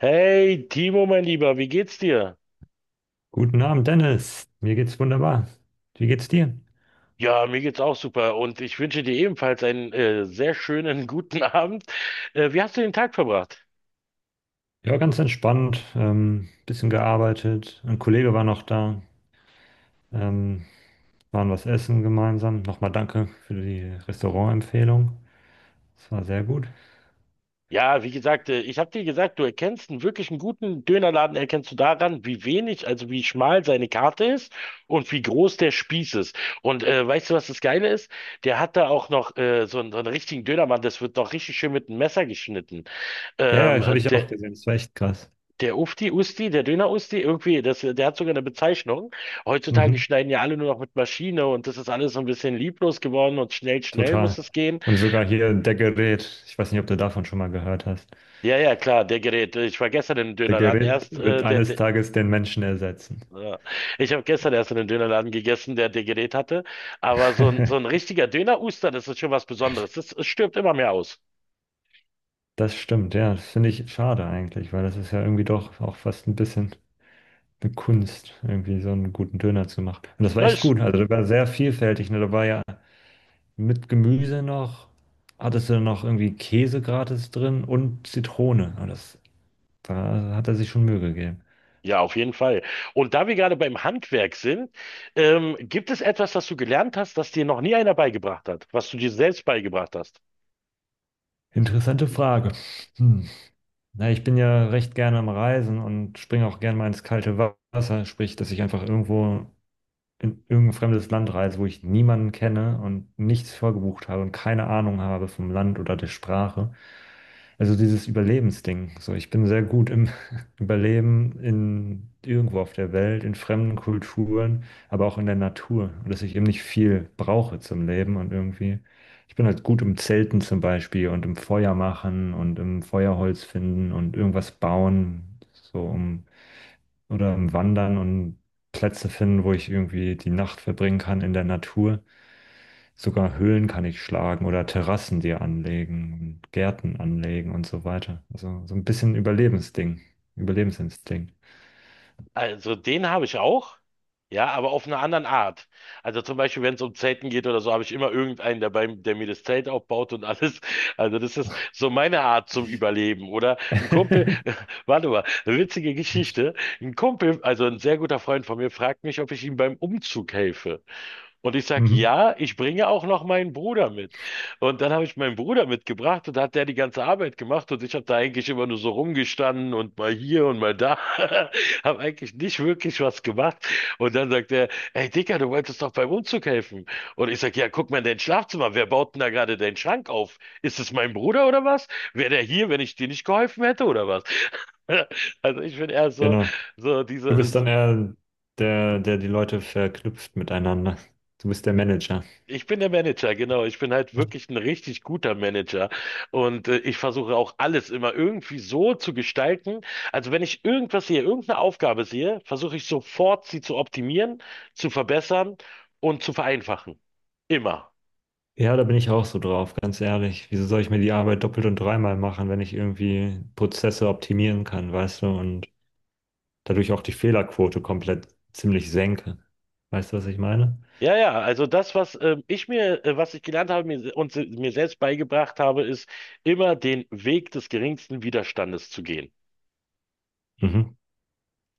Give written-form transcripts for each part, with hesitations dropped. Hey, Timo, mein Lieber, wie geht's dir? Guten Abend, Dennis. Mir geht's wunderbar. Wie geht's dir? Ja, mir geht's auch super und ich wünsche dir ebenfalls einen sehr schönen guten Abend. Wie hast du den Tag verbracht? Ja, ganz entspannt. Bisschen gearbeitet. Ein Kollege war noch da. Ähm, waren was essen gemeinsam. Nochmal danke für die Restaurantempfehlung. Das war sehr gut. Ja, wie gesagt, ich habe dir gesagt, du erkennst einen wirklich einen guten Dönerladen, erkennst du daran, wie wenig, also wie schmal seine Karte ist und wie groß der Spieß ist. Und weißt du, was das Geile ist? Der hat da auch noch so einen richtigen Dönermann, das wird noch richtig schön mit einem Messer geschnitten. Ja, Ähm, ja, habe ich der, auch gesehen. Das war echt krass. Der Ufti, Usti, der Döner-Usti, irgendwie, das, der hat sogar eine Bezeichnung. Heutzutage Mhm, schneiden ja alle nur noch mit Maschine und das ist alles so ein bisschen lieblos geworden und schnell, schnell total. muss es gehen. Und sogar hier der Gerät. Ich weiß nicht, ob du davon schon mal gehört hast. Ja, ja, klar, der Gerät. Ich war gestern im Der Dönerladen Gerät erst, wird äh, der, eines der Tages den Menschen ersetzen. ja. Ich habe gestern erst in einem Dönerladen gegessen, der Gerät hatte. Aber so ein richtiger Döner-Uster, das ist schon was Besonderes. Das, es stirbt immer mehr aus. Das stimmt, ja. Das finde ich schade eigentlich, weil das ist ja irgendwie doch auch fast ein bisschen eine Kunst, irgendwie so einen guten Döner zu machen. Und das war Na, echt es gut. Also, das war sehr vielfältig. Ne? Da war ja mit Gemüse noch, hattest du noch irgendwie Käse gratis drin und Zitrone. Und das, da hat er sich schon Mühe gegeben. ja, auf jeden Fall. Und da wir gerade beim Handwerk sind, gibt es etwas, das du gelernt hast, das dir noch nie einer beigebracht hat, was du dir selbst beigebracht hast? Interessante Frage. Hm. Na, ich bin ja recht gerne am Reisen und springe auch gerne mal ins kalte Wasser, sprich, dass ich einfach irgendwo in irgendein fremdes Land reise, wo ich niemanden kenne und nichts vorgebucht habe und keine Ahnung habe vom Land oder der Sprache. Also dieses Überlebensding. So, ich bin sehr gut im Überleben in irgendwo auf der Welt, in fremden Kulturen, aber auch in der Natur. Und dass ich eben nicht viel brauche zum Leben und irgendwie. Ich bin halt gut im Zelten zum Beispiel und im Feuer machen und im Feuerholz finden und irgendwas bauen, so um, oder im Wandern und Plätze finden, wo ich irgendwie die Nacht verbringen kann in der Natur. Sogar Höhlen kann ich schlagen oder Terrassen dir anlegen und Gärten anlegen und so weiter. Also so ein bisschen Überlebensding, Überlebensinstinkt. Also den habe ich auch, ja, aber auf einer anderen Art. Also zum Beispiel, wenn es um Zelten geht oder so, habe ich immer irgendeinen dabei, der mir das Zelt aufbaut und alles. Also das ist so meine Art zum Überleben. Oder ein Kumpel, warte mal, eine witzige Geschichte. Ein Kumpel, also ein sehr guter Freund von mir, fragt mich, ob ich ihm beim Umzug helfe. Und ich sag, Mhm. ja, ich bringe auch noch meinen Bruder mit. Und dann habe ich meinen Bruder mitgebracht und hat der die ganze Arbeit gemacht und ich habe da eigentlich immer nur so rumgestanden und mal hier und mal da, habe eigentlich nicht wirklich was gemacht. Und dann sagt er, ey Dicker, du wolltest doch beim Umzug helfen. Und ich sag, ja, guck mal in dein Schlafzimmer, wer baut denn da gerade deinen Schrank auf? Ist es mein Bruder oder was? Wäre der hier, wenn ich dir nicht geholfen hätte oder was? Also ich bin eher so, Genau. so Du diese, bist dann eher der, der die Leute verknüpft miteinander. Du bist der Manager. ich bin der Manager, genau. Ich bin halt wirklich ein richtig guter Manager. Und ich versuche auch alles immer irgendwie so zu gestalten. Also wenn ich irgendwas sehe, irgendeine Aufgabe sehe, versuche ich sofort, sie zu optimieren, zu verbessern und zu vereinfachen. Immer. Ja, da bin ich auch so drauf, ganz ehrlich. Wieso soll ich mir die Arbeit doppelt und dreimal machen, wenn ich irgendwie Prozesse optimieren kann, weißt du, und dadurch auch die Fehlerquote komplett ziemlich senke. Weißt du, was ich meine? Ja, ja, also das, was ich mir, was ich gelernt habe mir, mir selbst beigebracht habe, ist immer den Weg des geringsten Widerstandes zu gehen. Mhm.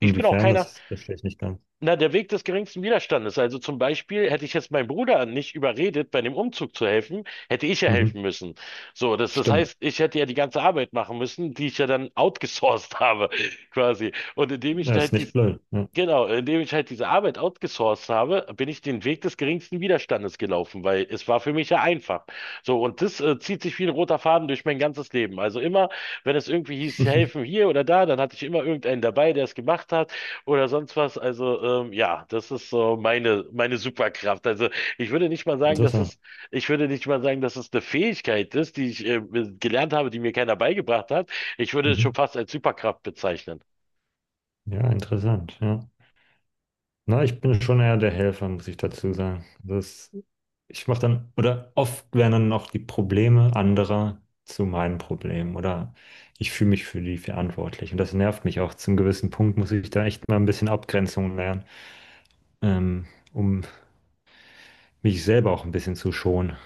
Ich bin auch keiner. das verstehe ich nicht ganz. Na, der Weg des geringsten Widerstandes. Also zum Beispiel hätte ich jetzt meinen Bruder nicht überredet, bei dem Umzug zu helfen, hätte ich ja Mhm. helfen müssen. So, das, das Stimmt. heißt, ich hätte ja die ganze Arbeit machen müssen, die ich ja dann outgesourced habe, quasi. Und indem ich Das ist halt die, nicht blöd. Ja. genau, indem ich halt diese Arbeit outgesourced habe, bin ich den Weg des geringsten Widerstandes gelaufen, weil es war für mich ja einfach. So, und das zieht sich wie ein roter Faden durch mein ganzes Leben. Also immer, wenn es irgendwie hieß, helfen hier oder da, dann hatte ich immer irgendeinen dabei, der es gemacht hat oder sonst was. Also ja, das ist so meine, meine Superkraft. Also ich würde nicht mal sagen, dass Interessant. es, ich würde nicht mal sagen, dass es eine Fähigkeit ist, die ich gelernt habe, die mir keiner beigebracht hat. Ich würde es schon Mhm. fast als Superkraft bezeichnen. Ja, interessant. Ja. Na, ich bin schon eher der Helfer, muss ich dazu sagen. Das, ich mache dann, oder oft werden dann noch die Probleme anderer zu meinen Problemen oder ich fühle mich für die verantwortlich. Und das nervt mich auch. Zum gewissen Punkt muss ich da echt mal ein bisschen Abgrenzung lernen, ähm, um mich selber auch ein bisschen zu schonen.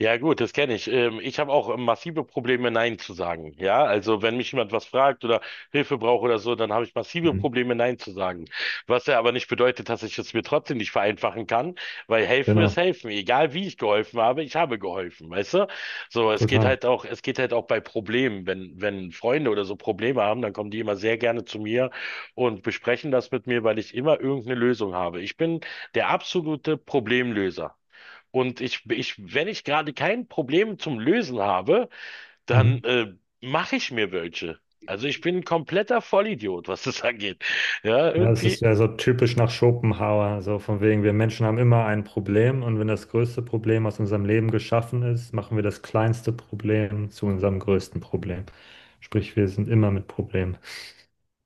Ja gut, das kenne ich. Ich habe auch massive Probleme, Nein zu sagen. Ja, also wenn mich jemand was fragt oder Hilfe braucht oder so, dann habe ich massive Mhm. Probleme, Nein zu sagen. Was ja aber nicht bedeutet, dass ich es mir trotzdem nicht vereinfachen kann, weil helfen ist Genau, helfen. Egal wie ich geholfen habe, ich habe geholfen, weißt du? So, es geht total. halt auch, es geht halt auch bei Problemen. Wenn Freunde oder so Probleme haben, dann kommen die immer sehr gerne zu mir und besprechen das mit mir, weil ich immer irgendeine Lösung habe. Ich bin der absolute Problemlöser. Und wenn ich gerade kein Problem zum Lösen habe, Mhm. dann mache ich mir welche. Also ich bin ein kompletter Vollidiot, was das angeht. Ja, Ja, das ist irgendwie, ja so typisch nach Schopenhauer, so von wegen, wir Menschen haben immer ein Problem und wenn das größte Problem aus unserem Leben geschaffen ist, machen wir das kleinste Problem zu unserem größten Problem. Sprich, wir sind immer mit Problemen.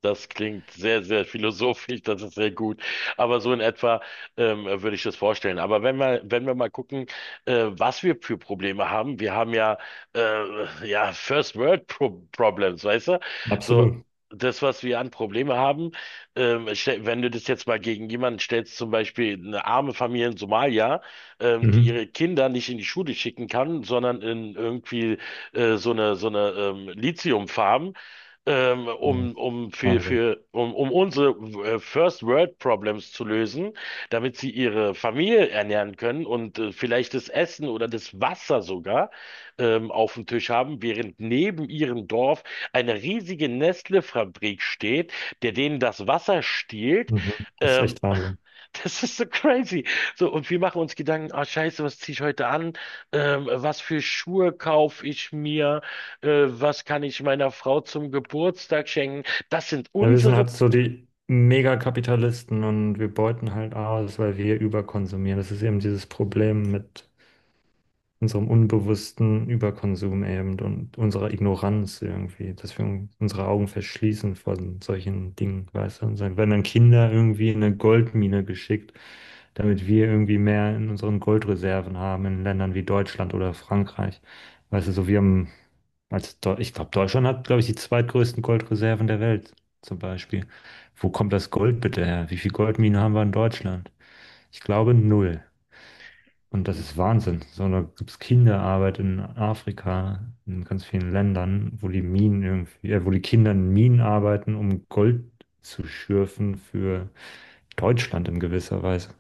das klingt sehr, sehr philosophisch, das ist sehr gut. Aber so in etwa würde ich das vorstellen. Aber wenn wir, wenn wir mal gucken, was wir für Probleme haben, wir haben ja, ja First World Problems, weißt du? So, Absolut. das, was wir an Probleme haben, wenn du das jetzt mal gegen jemanden stellst, zum Beispiel eine arme Familie in Somalia, die Mhm. ihre Kinder nicht in die Schule schicken kann, sondern in irgendwie so eine Lithiumfarm Ja, um, um, Wahnsinn. für, um, um unsere First World Problems zu lösen, damit sie ihre Familie ernähren können und vielleicht das Essen oder das Wasser sogar auf dem Tisch haben, während neben ihrem Dorf eine riesige Nestle-Fabrik steht, der denen das Wasser stiehlt. Mhm. Das ist Ähm, echt Wahnsinn. Das ist so crazy. So, und wir machen uns Gedanken, ah, scheiße, was ziehe ich heute an? Was für Schuhe kaufe ich mir? Was kann ich meiner Frau zum Geburtstag schenken? Das sind Ja, wir sind unsere. halt so die Megakapitalisten und wir beuten halt aus, weil wir überkonsumieren. Das ist eben dieses Problem mit unserem unbewussten Überkonsum eben und unserer Ignoranz irgendwie, dass wir unsere Augen verschließen von solchen Dingen, weißt du? Und dann werden dann Kinder irgendwie in eine Goldmine geschickt, damit wir irgendwie mehr in unseren Goldreserven haben, in Ländern wie Deutschland oder Frankreich. Weißt du, so wir haben, als Deu ich glaube, Deutschland hat, glaube ich, die zweitgrößten Goldreserven der Welt zum Beispiel. Wo kommt das Gold bitte her? Wie viel Goldminen haben wir in Deutschland? Ich glaube, null. Und das ist Wahnsinn. So, da gibt es Kinderarbeit in Afrika, in ganz vielen Ländern, wo die Minen irgendwie, wo die Kinder in Minen arbeiten, um Gold zu schürfen für Deutschland in gewisser Weise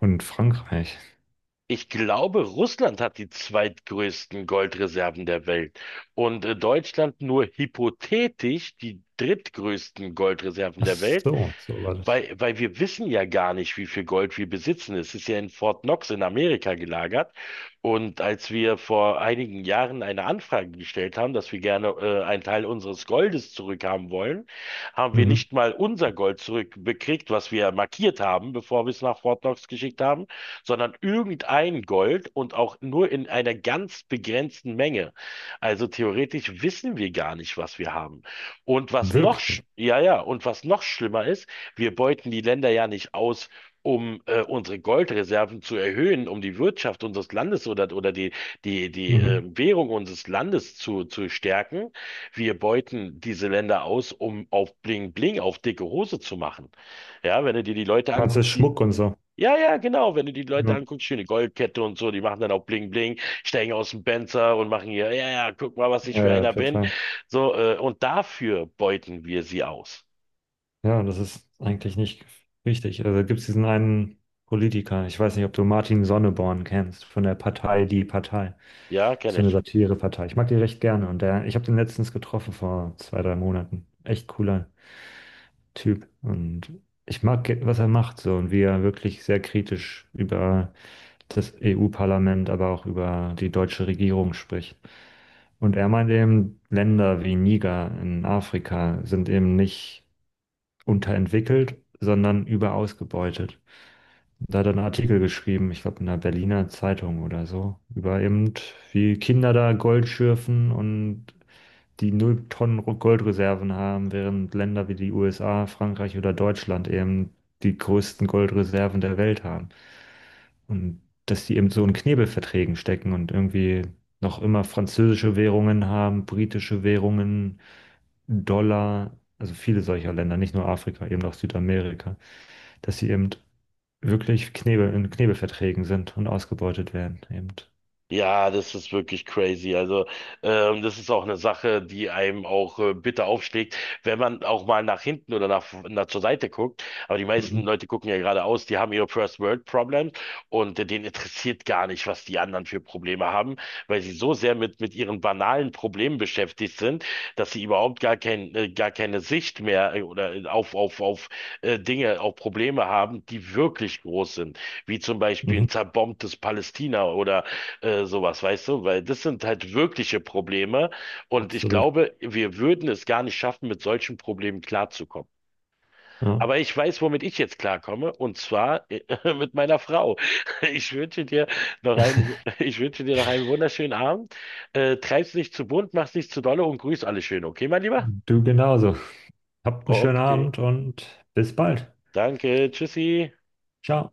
und Frankreich. Ich glaube, Russland hat die zweitgrößten Goldreserven der Welt und Deutschland nur hypothetisch die drittgrößten Goldreserven Ach der Welt. so, so war das. Weil wir wissen ja gar nicht, wie viel Gold wir besitzen. Es ist ja in Fort Knox in Amerika gelagert. Und als wir vor einigen Jahren eine Anfrage gestellt haben, dass wir gerne einen Teil unseres Goldes zurückhaben wollen, haben wir Mhm. nicht mal unser Gold zurückbekriegt, was wir markiert haben, bevor wir es nach Fort Knox geschickt haben, sondern irgendein Gold und auch nur in einer ganz begrenzten Menge. Also theoretisch wissen wir gar nicht, was wir haben. Und was noch, Wirklich. ja, ja, und was noch schlimmer ist, wir beuten die Länder ja nicht aus, um unsere Goldreserven zu erhöhen, um die Wirtschaft unseres Landes oder die Mhm. Währung unseres Landes zu stärken. Wir beuten diese Länder aus, um auf Bling Bling, auf dicke Hose zu machen. Ja, wenn du dir die Leute Also anguckst, die Schmuck und so. ja, ja, genau. Wenn du die Leute Mhm. anguckst, schöne Goldkette und so, die machen dann auch Bling Bling, steigen aus dem Benzer und machen hier, ja, ja, guck mal, was ich für Ja, ja, einer bin. total. So, und dafür beuten wir sie aus. Ja, das ist eigentlich nicht richtig. Also gibt es diesen einen Politiker, ich weiß nicht, ob du Martin Sonneborn kennst, von der Partei Die Partei. Ja, Ist kenne so eine ich. Satirepartei. Ich mag die recht gerne und der, ich habe den letztens getroffen vor 2, 3 Monaten. Echt cooler Typ und ich mag, was er macht so und wie er wirklich sehr kritisch über das EU-Parlament, aber auch über die deutsche Regierung spricht. Und er meint eben, Länder wie Niger in Afrika sind eben nicht unterentwickelt, sondern überausgebeutet. Da hat er einen Artikel geschrieben, ich glaube in der Berliner Zeitung oder so, über eben, wie Kinder da Gold schürfen und die 0 Tonnen Goldreserven haben, während Länder wie die USA, Frankreich oder Deutschland eben die größten Goldreserven der Welt haben. Und dass die eben so in Knebelverträgen stecken und irgendwie noch immer französische Währungen haben, britische Währungen, Dollar, also viele solcher Länder, nicht nur Afrika, eben auch Südamerika, dass sie eben wirklich Knebel, in Knebelverträgen sind und ausgebeutet werden, eben. Ja, das ist wirklich crazy. Also, das ist auch eine Sache, die einem auch bitter aufschlägt, wenn man auch mal nach hinten oder nach zur Seite guckt. Aber die meisten Mhm. Leute gucken ja geradeaus, die haben ihre First World Problems und denen interessiert gar nicht, was die anderen für Probleme haben, weil sie so sehr mit ihren banalen Problemen beschäftigt sind, dass sie überhaupt gar kein, gar keine Sicht mehr oder auf, auf Dinge, auf Probleme haben, die wirklich groß sind, wie zum Beispiel ein Mhm. zerbombtes Palästina oder sowas, weißt du? Weil das sind halt wirkliche Probleme und ich Absolut. glaube, wir würden es gar nicht schaffen, mit solchen Problemen klarzukommen. Ja. Aber ich weiß, womit ich jetzt klarkomme und zwar mit meiner Frau. Ich wünsche dir noch einen, ich wünsche dir noch einen wunderschönen Abend. Treib's nicht zu bunt, mach's nicht zu dolle und grüß alle schön, okay, mein Lieber? Du genauso. Habt einen schönen Okay, Abend und bis bald. danke, tschüssi. Ciao.